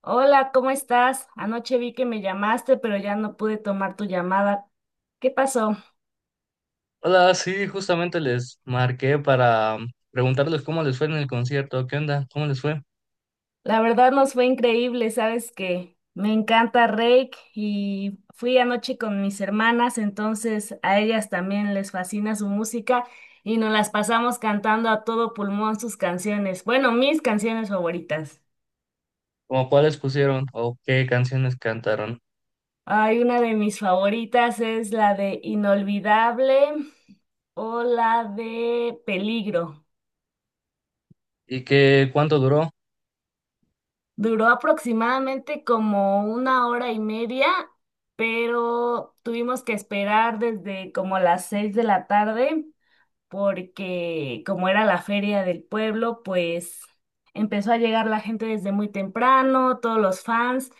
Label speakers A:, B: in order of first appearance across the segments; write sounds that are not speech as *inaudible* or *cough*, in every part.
A: Hola, ¿cómo estás? Anoche vi que me llamaste, pero ya no pude tomar tu llamada. ¿Qué pasó?
B: Hola, sí, justamente les marqué para preguntarles cómo les fue en el concierto, qué onda, cómo les fue,
A: La verdad nos fue increíble, sabes que me encanta Rake y fui anoche con mis hermanas, entonces a ellas también les fascina su música y nos las pasamos cantando a todo pulmón sus canciones, bueno, mis canciones favoritas.
B: como cuáles pusieron o qué canciones cantaron
A: Hay una de mis favoritas, es la de Inolvidable o la de Peligro.
B: y qué cuánto duró
A: Duró aproximadamente como una hora y media, pero tuvimos que esperar desde como las 6 de la tarde porque, como era la feria del pueblo, pues empezó a llegar la gente desde muy temprano. Todos los fans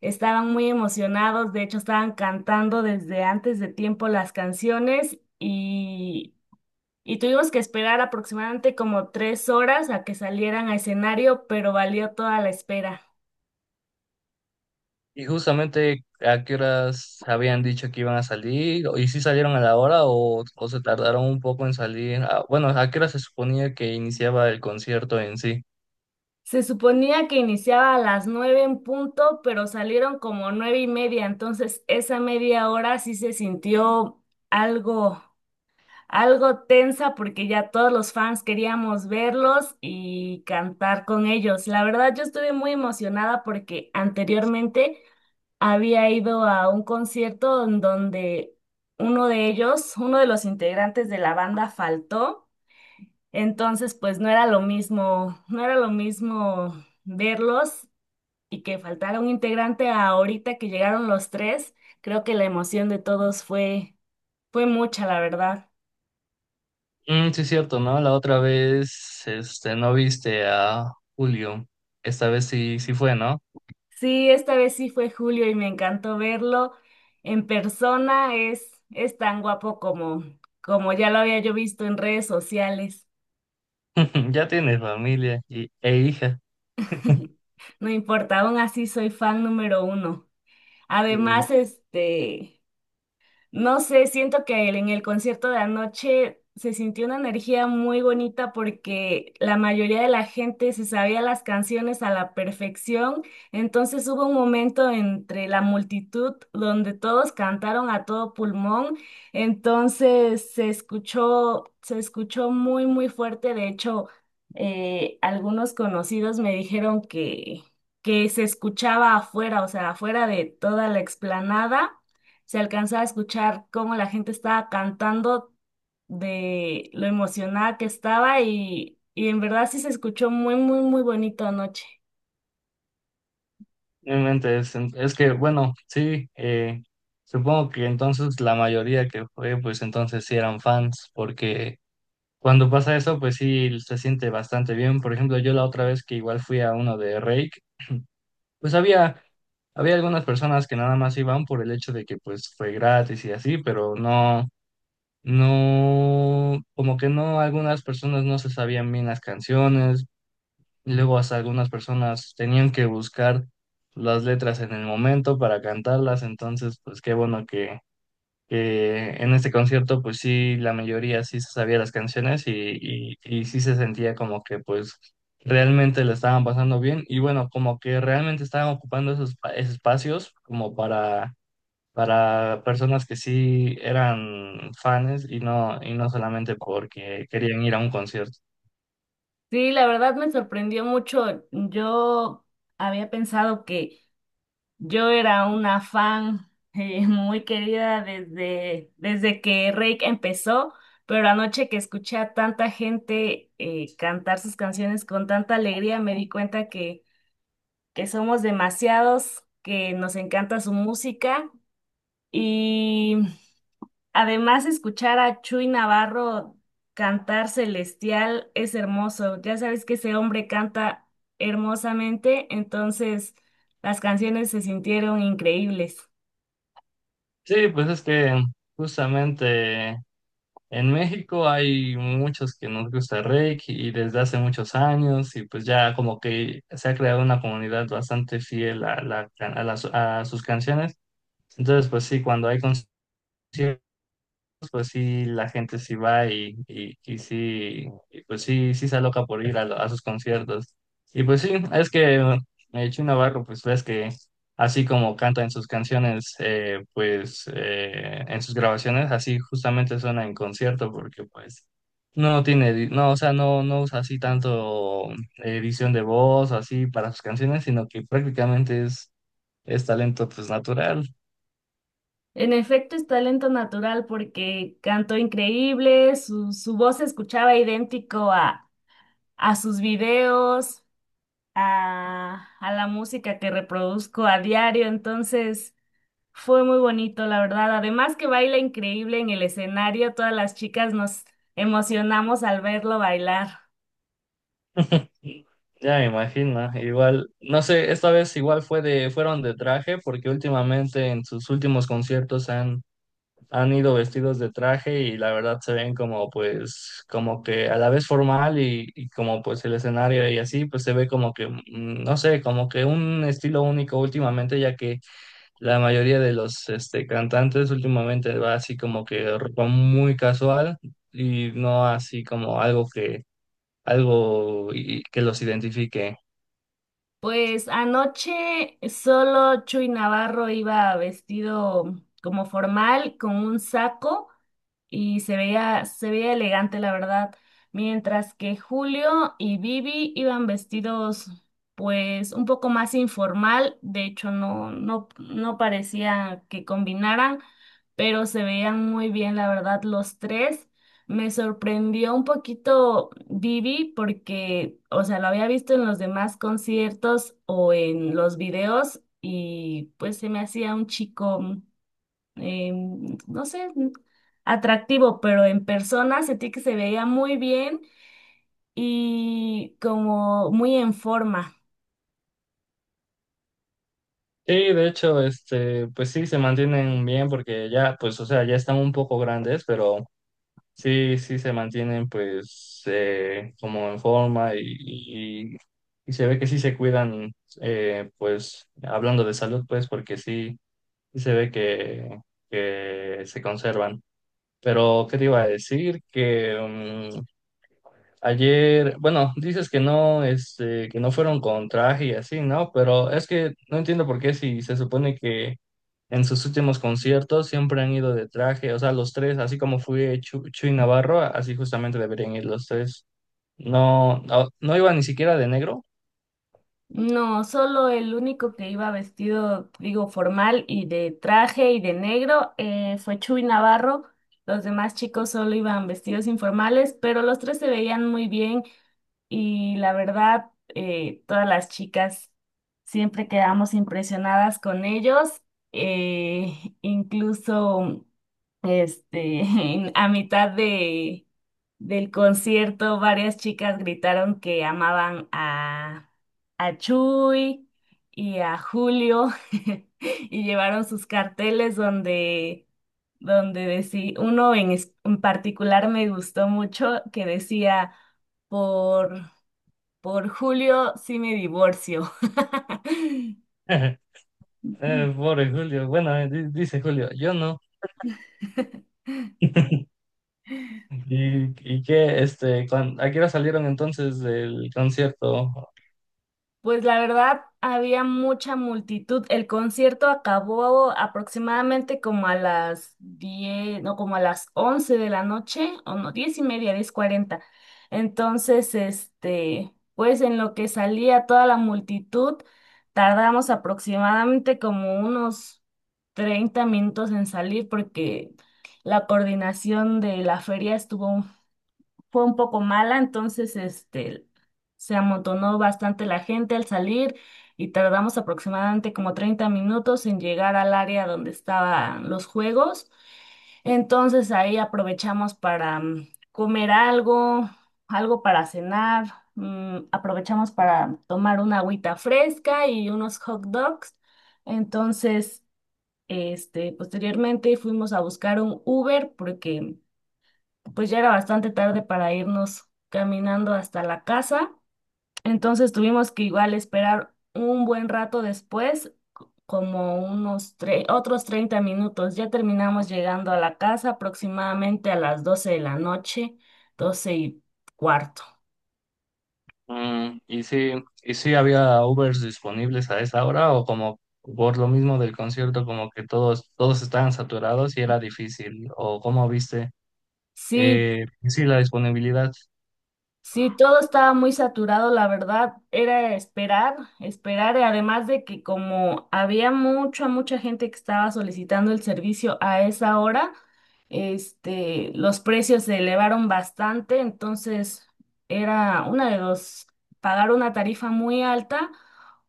A: estaban muy emocionados, de hecho estaban cantando desde antes de tiempo las canciones, y tuvimos que esperar aproximadamente como 3 horas a que salieran a escenario, pero valió toda la espera.
B: y justamente a qué horas habían dicho que iban a salir y si salieron a la hora o se tardaron un poco en salir. Ah, bueno, a qué hora se suponía que iniciaba el concierto en sí.
A: Se suponía que iniciaba a las 9 en punto, pero salieron como 9:30, entonces esa media hora sí se sintió algo, algo tensa, porque ya todos los fans queríamos verlos y cantar con ellos. La verdad, yo estuve muy emocionada porque anteriormente había ido a un concierto en donde uno de ellos, uno de los integrantes de la banda, faltó. Entonces pues no era lo mismo, no era lo mismo verlos y que faltara un integrante a ahorita que llegaron los tres. Creo que la emoción de todos fue mucha, la verdad.
B: Mm, sí, es cierto, ¿no? La otra vez, este, no viste a Julio. Esta vez sí, sí fue, ¿no?
A: Sí, esta vez sí fue Julio y me encantó verlo en persona. Es tan guapo como ya lo había yo visto en redes sociales.
B: *laughs* Ya tiene familia e hija.
A: *laughs* No importa, aún así soy fan número uno.
B: Mm,
A: Además, no sé, siento que en el concierto de anoche se sintió una energía muy bonita, porque la mayoría de la gente se sabía las canciones a la perfección. Entonces hubo un momento entre la multitud donde todos cantaron a todo pulmón, entonces se escuchó muy, muy fuerte. De hecho, algunos conocidos me dijeron que se escuchaba afuera, o sea, afuera de toda la explanada se alcanza a escuchar cómo la gente estaba cantando de lo emocionada que estaba, y en verdad sí se escuchó muy, muy, muy bonito anoche.
B: Realmente es que, bueno, sí, supongo que entonces la mayoría que fue, pues entonces sí eran fans, porque cuando pasa eso, pues sí se siente bastante bien. Por ejemplo, yo la otra vez que igual fui a uno de Rake, pues había algunas personas que nada más iban por el hecho de que pues fue gratis y así, pero no, no, como que no, algunas personas no se sabían bien las canciones y luego hasta algunas personas tenían que buscar las letras en el momento para cantarlas, entonces pues qué bueno que en este concierto pues sí, la mayoría sí se sabía las canciones y sí se sentía como que pues realmente la estaban pasando bien y bueno, como que realmente estaban ocupando esos, esos espacios como para personas que sí eran fans y no solamente porque querían ir a un concierto.
A: Sí, la verdad me sorprendió mucho. Yo había pensado que yo era una fan *laughs* muy querida desde que Rake empezó, pero anoche que escuché a tanta gente cantar sus canciones con tanta alegría, me di cuenta que somos demasiados, que nos encanta su música, y además escuchar a Chuy Navarro cantar Celestial es hermoso. Ya sabes que ese hombre canta hermosamente, entonces las canciones se sintieron increíbles.
B: Sí, pues es que justamente en México hay muchos que nos gusta el Reiki y desde hace muchos años y pues ya como que se ha creado una comunidad bastante fiel a, la, a, las- a sus canciones. Entonces pues sí, cuando hay conciertos pues sí, la gente sí va y sí, y, pues sí, sí se aloca por ir a, a sus conciertos. Y pues sí, es que Chino Navarro, pues ves que así como canta en sus canciones, pues en sus grabaciones, así justamente suena en concierto, porque pues no tiene, no, o sea, no, no usa así tanto edición de voz o así para sus canciones, sino que prácticamente es talento pues natural.
A: En efecto, es talento natural, porque cantó increíble, su voz se escuchaba idéntico a sus videos, a la música que reproduzco a diario. Entonces fue muy bonito, la verdad. Además que baila increíble en el escenario, todas las chicas nos emocionamos al verlo bailar.
B: Ya me imagino, igual, no sé, esta vez igual fue de, fueron de traje, porque últimamente en sus últimos conciertos han ido vestidos de traje y la verdad se ven como pues, como que a la vez formal y como pues el escenario y así, pues se ve como que, no sé, como que un estilo único últimamente, ya que la mayoría de los este, cantantes últimamente va así como que ropa muy casual y no así como algo que, que los identifique.
A: Pues anoche solo Chuy Navarro iba vestido como formal, con un saco, y se veía elegante, la verdad. Mientras que Julio y Vivi iban vestidos, pues, un poco más informal. De hecho, no, no, no parecía que combinaran, pero se veían muy bien, la verdad, los tres. Me sorprendió un poquito Vivi porque, o sea, lo había visto en los demás conciertos o en los videos, y pues se me hacía un chico eh, no sé, atractivo, pero en persona sentí que se veía muy bien y como muy en forma.
B: Sí, de hecho, este, pues sí, se mantienen bien porque ya, pues, o sea, ya están un poco grandes, pero sí, sí se mantienen, pues, como en forma y- y se ve que sí se cuidan, pues, hablando de salud, pues, porque sí, sí se ve que se conservan. Pero, ¿qué te iba a decir? Que, mm, ayer, bueno, dices que no, este, que no fueron con traje y así, ¿no? Pero es que no entiendo por qué si se supone que en sus últimos conciertos siempre han ido de traje, o sea, los tres, así como fue Chuy Navarro, así justamente deberían ir los tres. No, no, no iba ni siquiera de negro.
A: No, solo el único que iba vestido, digo, formal y de traje y de negro, fue Chuy Navarro. Los demás chicos solo iban vestidos informales, pero los tres se veían muy bien, y la verdad, todas las chicas siempre quedamos impresionadas con ellos. eh, Incluso, *laughs* a mitad del concierto, varias chicas gritaron que amaban a Chuy y a Julio, *laughs* y llevaron sus carteles donde, decía, uno en, en particular me gustó mucho que decía: por, por Julio sí me divorcio.
B: *laughs* Pobre Julio, bueno, dice Julio, yo no.
A: *laughs*
B: *laughs* ¿Y, y qué, este, a qué hora salieron entonces del concierto?
A: Pues la verdad, había mucha multitud. El concierto acabó aproximadamente como a las 10, no, como a las 11 de la noche, o no, 10:30, 10:40. Entonces, pues en lo que salía toda la multitud, tardamos aproximadamente como unos 30 minutos en salir, porque la coordinación de la feria estuvo fue un poco mala. Entonces se amontonó bastante la gente al salir y tardamos aproximadamente como 30 minutos en llegar al área donde estaban los juegos. Entonces ahí aprovechamos para comer algo, algo para cenar, aprovechamos para tomar una agüita fresca y unos hot dogs. Entonces posteriormente fuimos a buscar un Uber, porque pues ya era bastante tarde para irnos caminando hasta la casa, entonces tuvimos que igual esperar un buen rato después, otros 30 minutos. Ya terminamos llegando a la casa aproximadamente a las 12 de la noche, 12:15.
B: Mm, y si había Ubers disponibles a esa hora o como por lo mismo del concierto, como que todos, todos estaban saturados y era difícil? ¿O cómo viste?
A: Sí,
B: Y sí, la disponibilidad.
A: sí, todo estaba muy saturado, la verdad. Era esperar, esperar, y además de que como había mucha, mucha gente que estaba solicitando el servicio a esa hora, los precios se elevaron bastante. Entonces era una de dos: pagar una tarifa muy alta,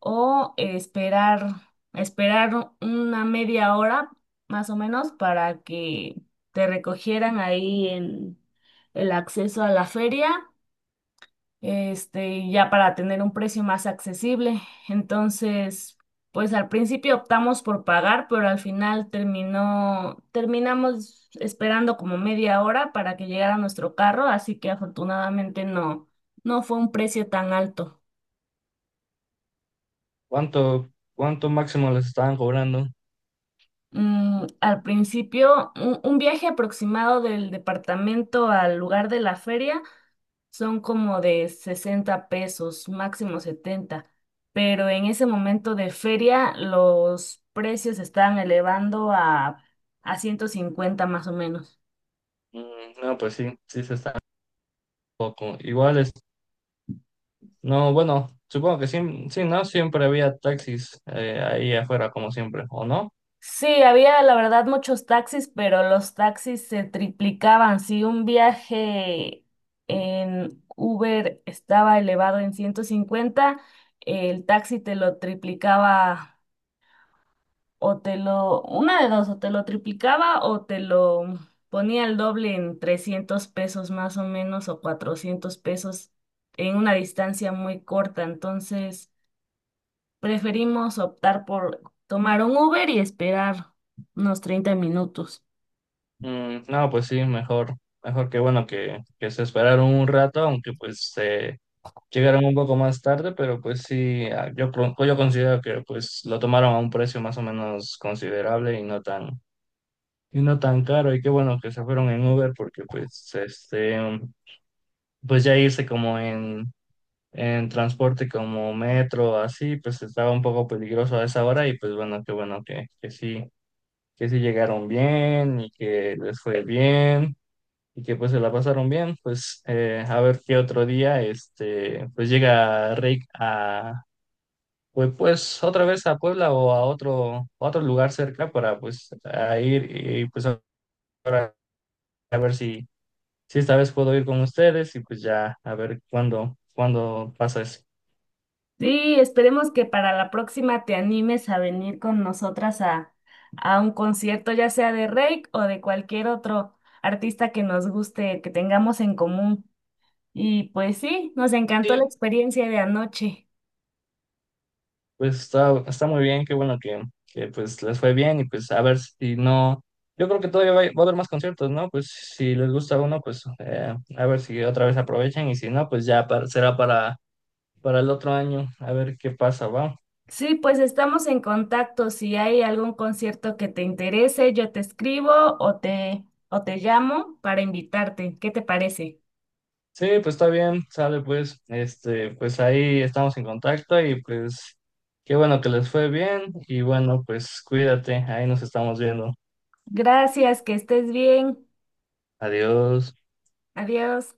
A: o esperar, esperar una media hora más o menos para que te recogieran ahí en el acceso a la feria, ya para tener un precio más accesible. Entonces, pues al principio optamos por pagar, pero al final terminamos esperando como media hora para que llegara nuestro carro, así que afortunadamente no, no fue un precio tan alto.
B: ¿Cuánto, cuánto máximo les estaban cobrando?
A: Al principio, un viaje aproximado del departamento al lugar de la feria son como de 60 pesos, máximo 70, pero en ese momento de feria los precios se estaban elevando a 150 más o menos.
B: Mm, no, pues sí, sí se está poco. Igual es, no, bueno, supongo que sí, sí, ¿no? Siempre había taxis ahí afuera como siempre, ¿o no?
A: Sí, había la verdad muchos taxis, pero los taxis se triplicaban. Si un viaje en Uber estaba elevado en 150, el taxi te lo triplicaba, o te lo, una de dos, o te lo triplicaba o te lo ponía el doble en 300 pesos más o menos, o 400 pesos en una distancia muy corta. Entonces preferimos optar por tomar un Uber y esperar unos 30 minutos.
B: Mm, no, pues sí, mejor, mejor que bueno que se esperaron un rato, aunque pues... llegaron un poco más tarde, pero pues sí, ah, yo, yo considero que pues lo tomaron a un precio más o menos considerable y no tan caro. Y qué bueno que se fueron en Uber porque pues este, pues ya irse como en transporte como metro, así, pues estaba un poco peligroso a esa hora y pues bueno, qué bueno que sí llegaron bien y que les fue bien y que pues se la pasaron bien, pues a ver qué otro día, este, pues llega Rick a pues, pues otra vez a Puebla o a otro lugar cerca para pues a ir y pues ahora a ver si, si esta vez puedo ir con ustedes y pues ya a ver cuándo, cuándo pasa eso.
A: Sí, esperemos que para la próxima te animes a venir con nosotras a un concierto, ya sea de Reik o de cualquier otro artista que nos guste, que tengamos en común. Y pues sí, nos encantó la
B: Sí,
A: experiencia de anoche.
B: pues está, está muy bien, qué bueno que pues les fue bien y pues a ver si no, yo creo que todavía va a haber más conciertos, ¿no? Pues si les gusta uno, pues a ver si otra vez aprovechan y si no, pues ya será para el otro año, a ver qué pasa, ¿va?
A: Sí, pues estamos en contacto. Si hay algún concierto que te interese, yo te escribo o te llamo para invitarte. ¿Qué te parece?
B: Sí, pues está bien, sale pues, este, pues ahí estamos en contacto y pues qué bueno que les fue bien y bueno, pues cuídate, ahí nos estamos viendo.
A: Gracias, que estés bien.
B: Adiós.
A: Adiós.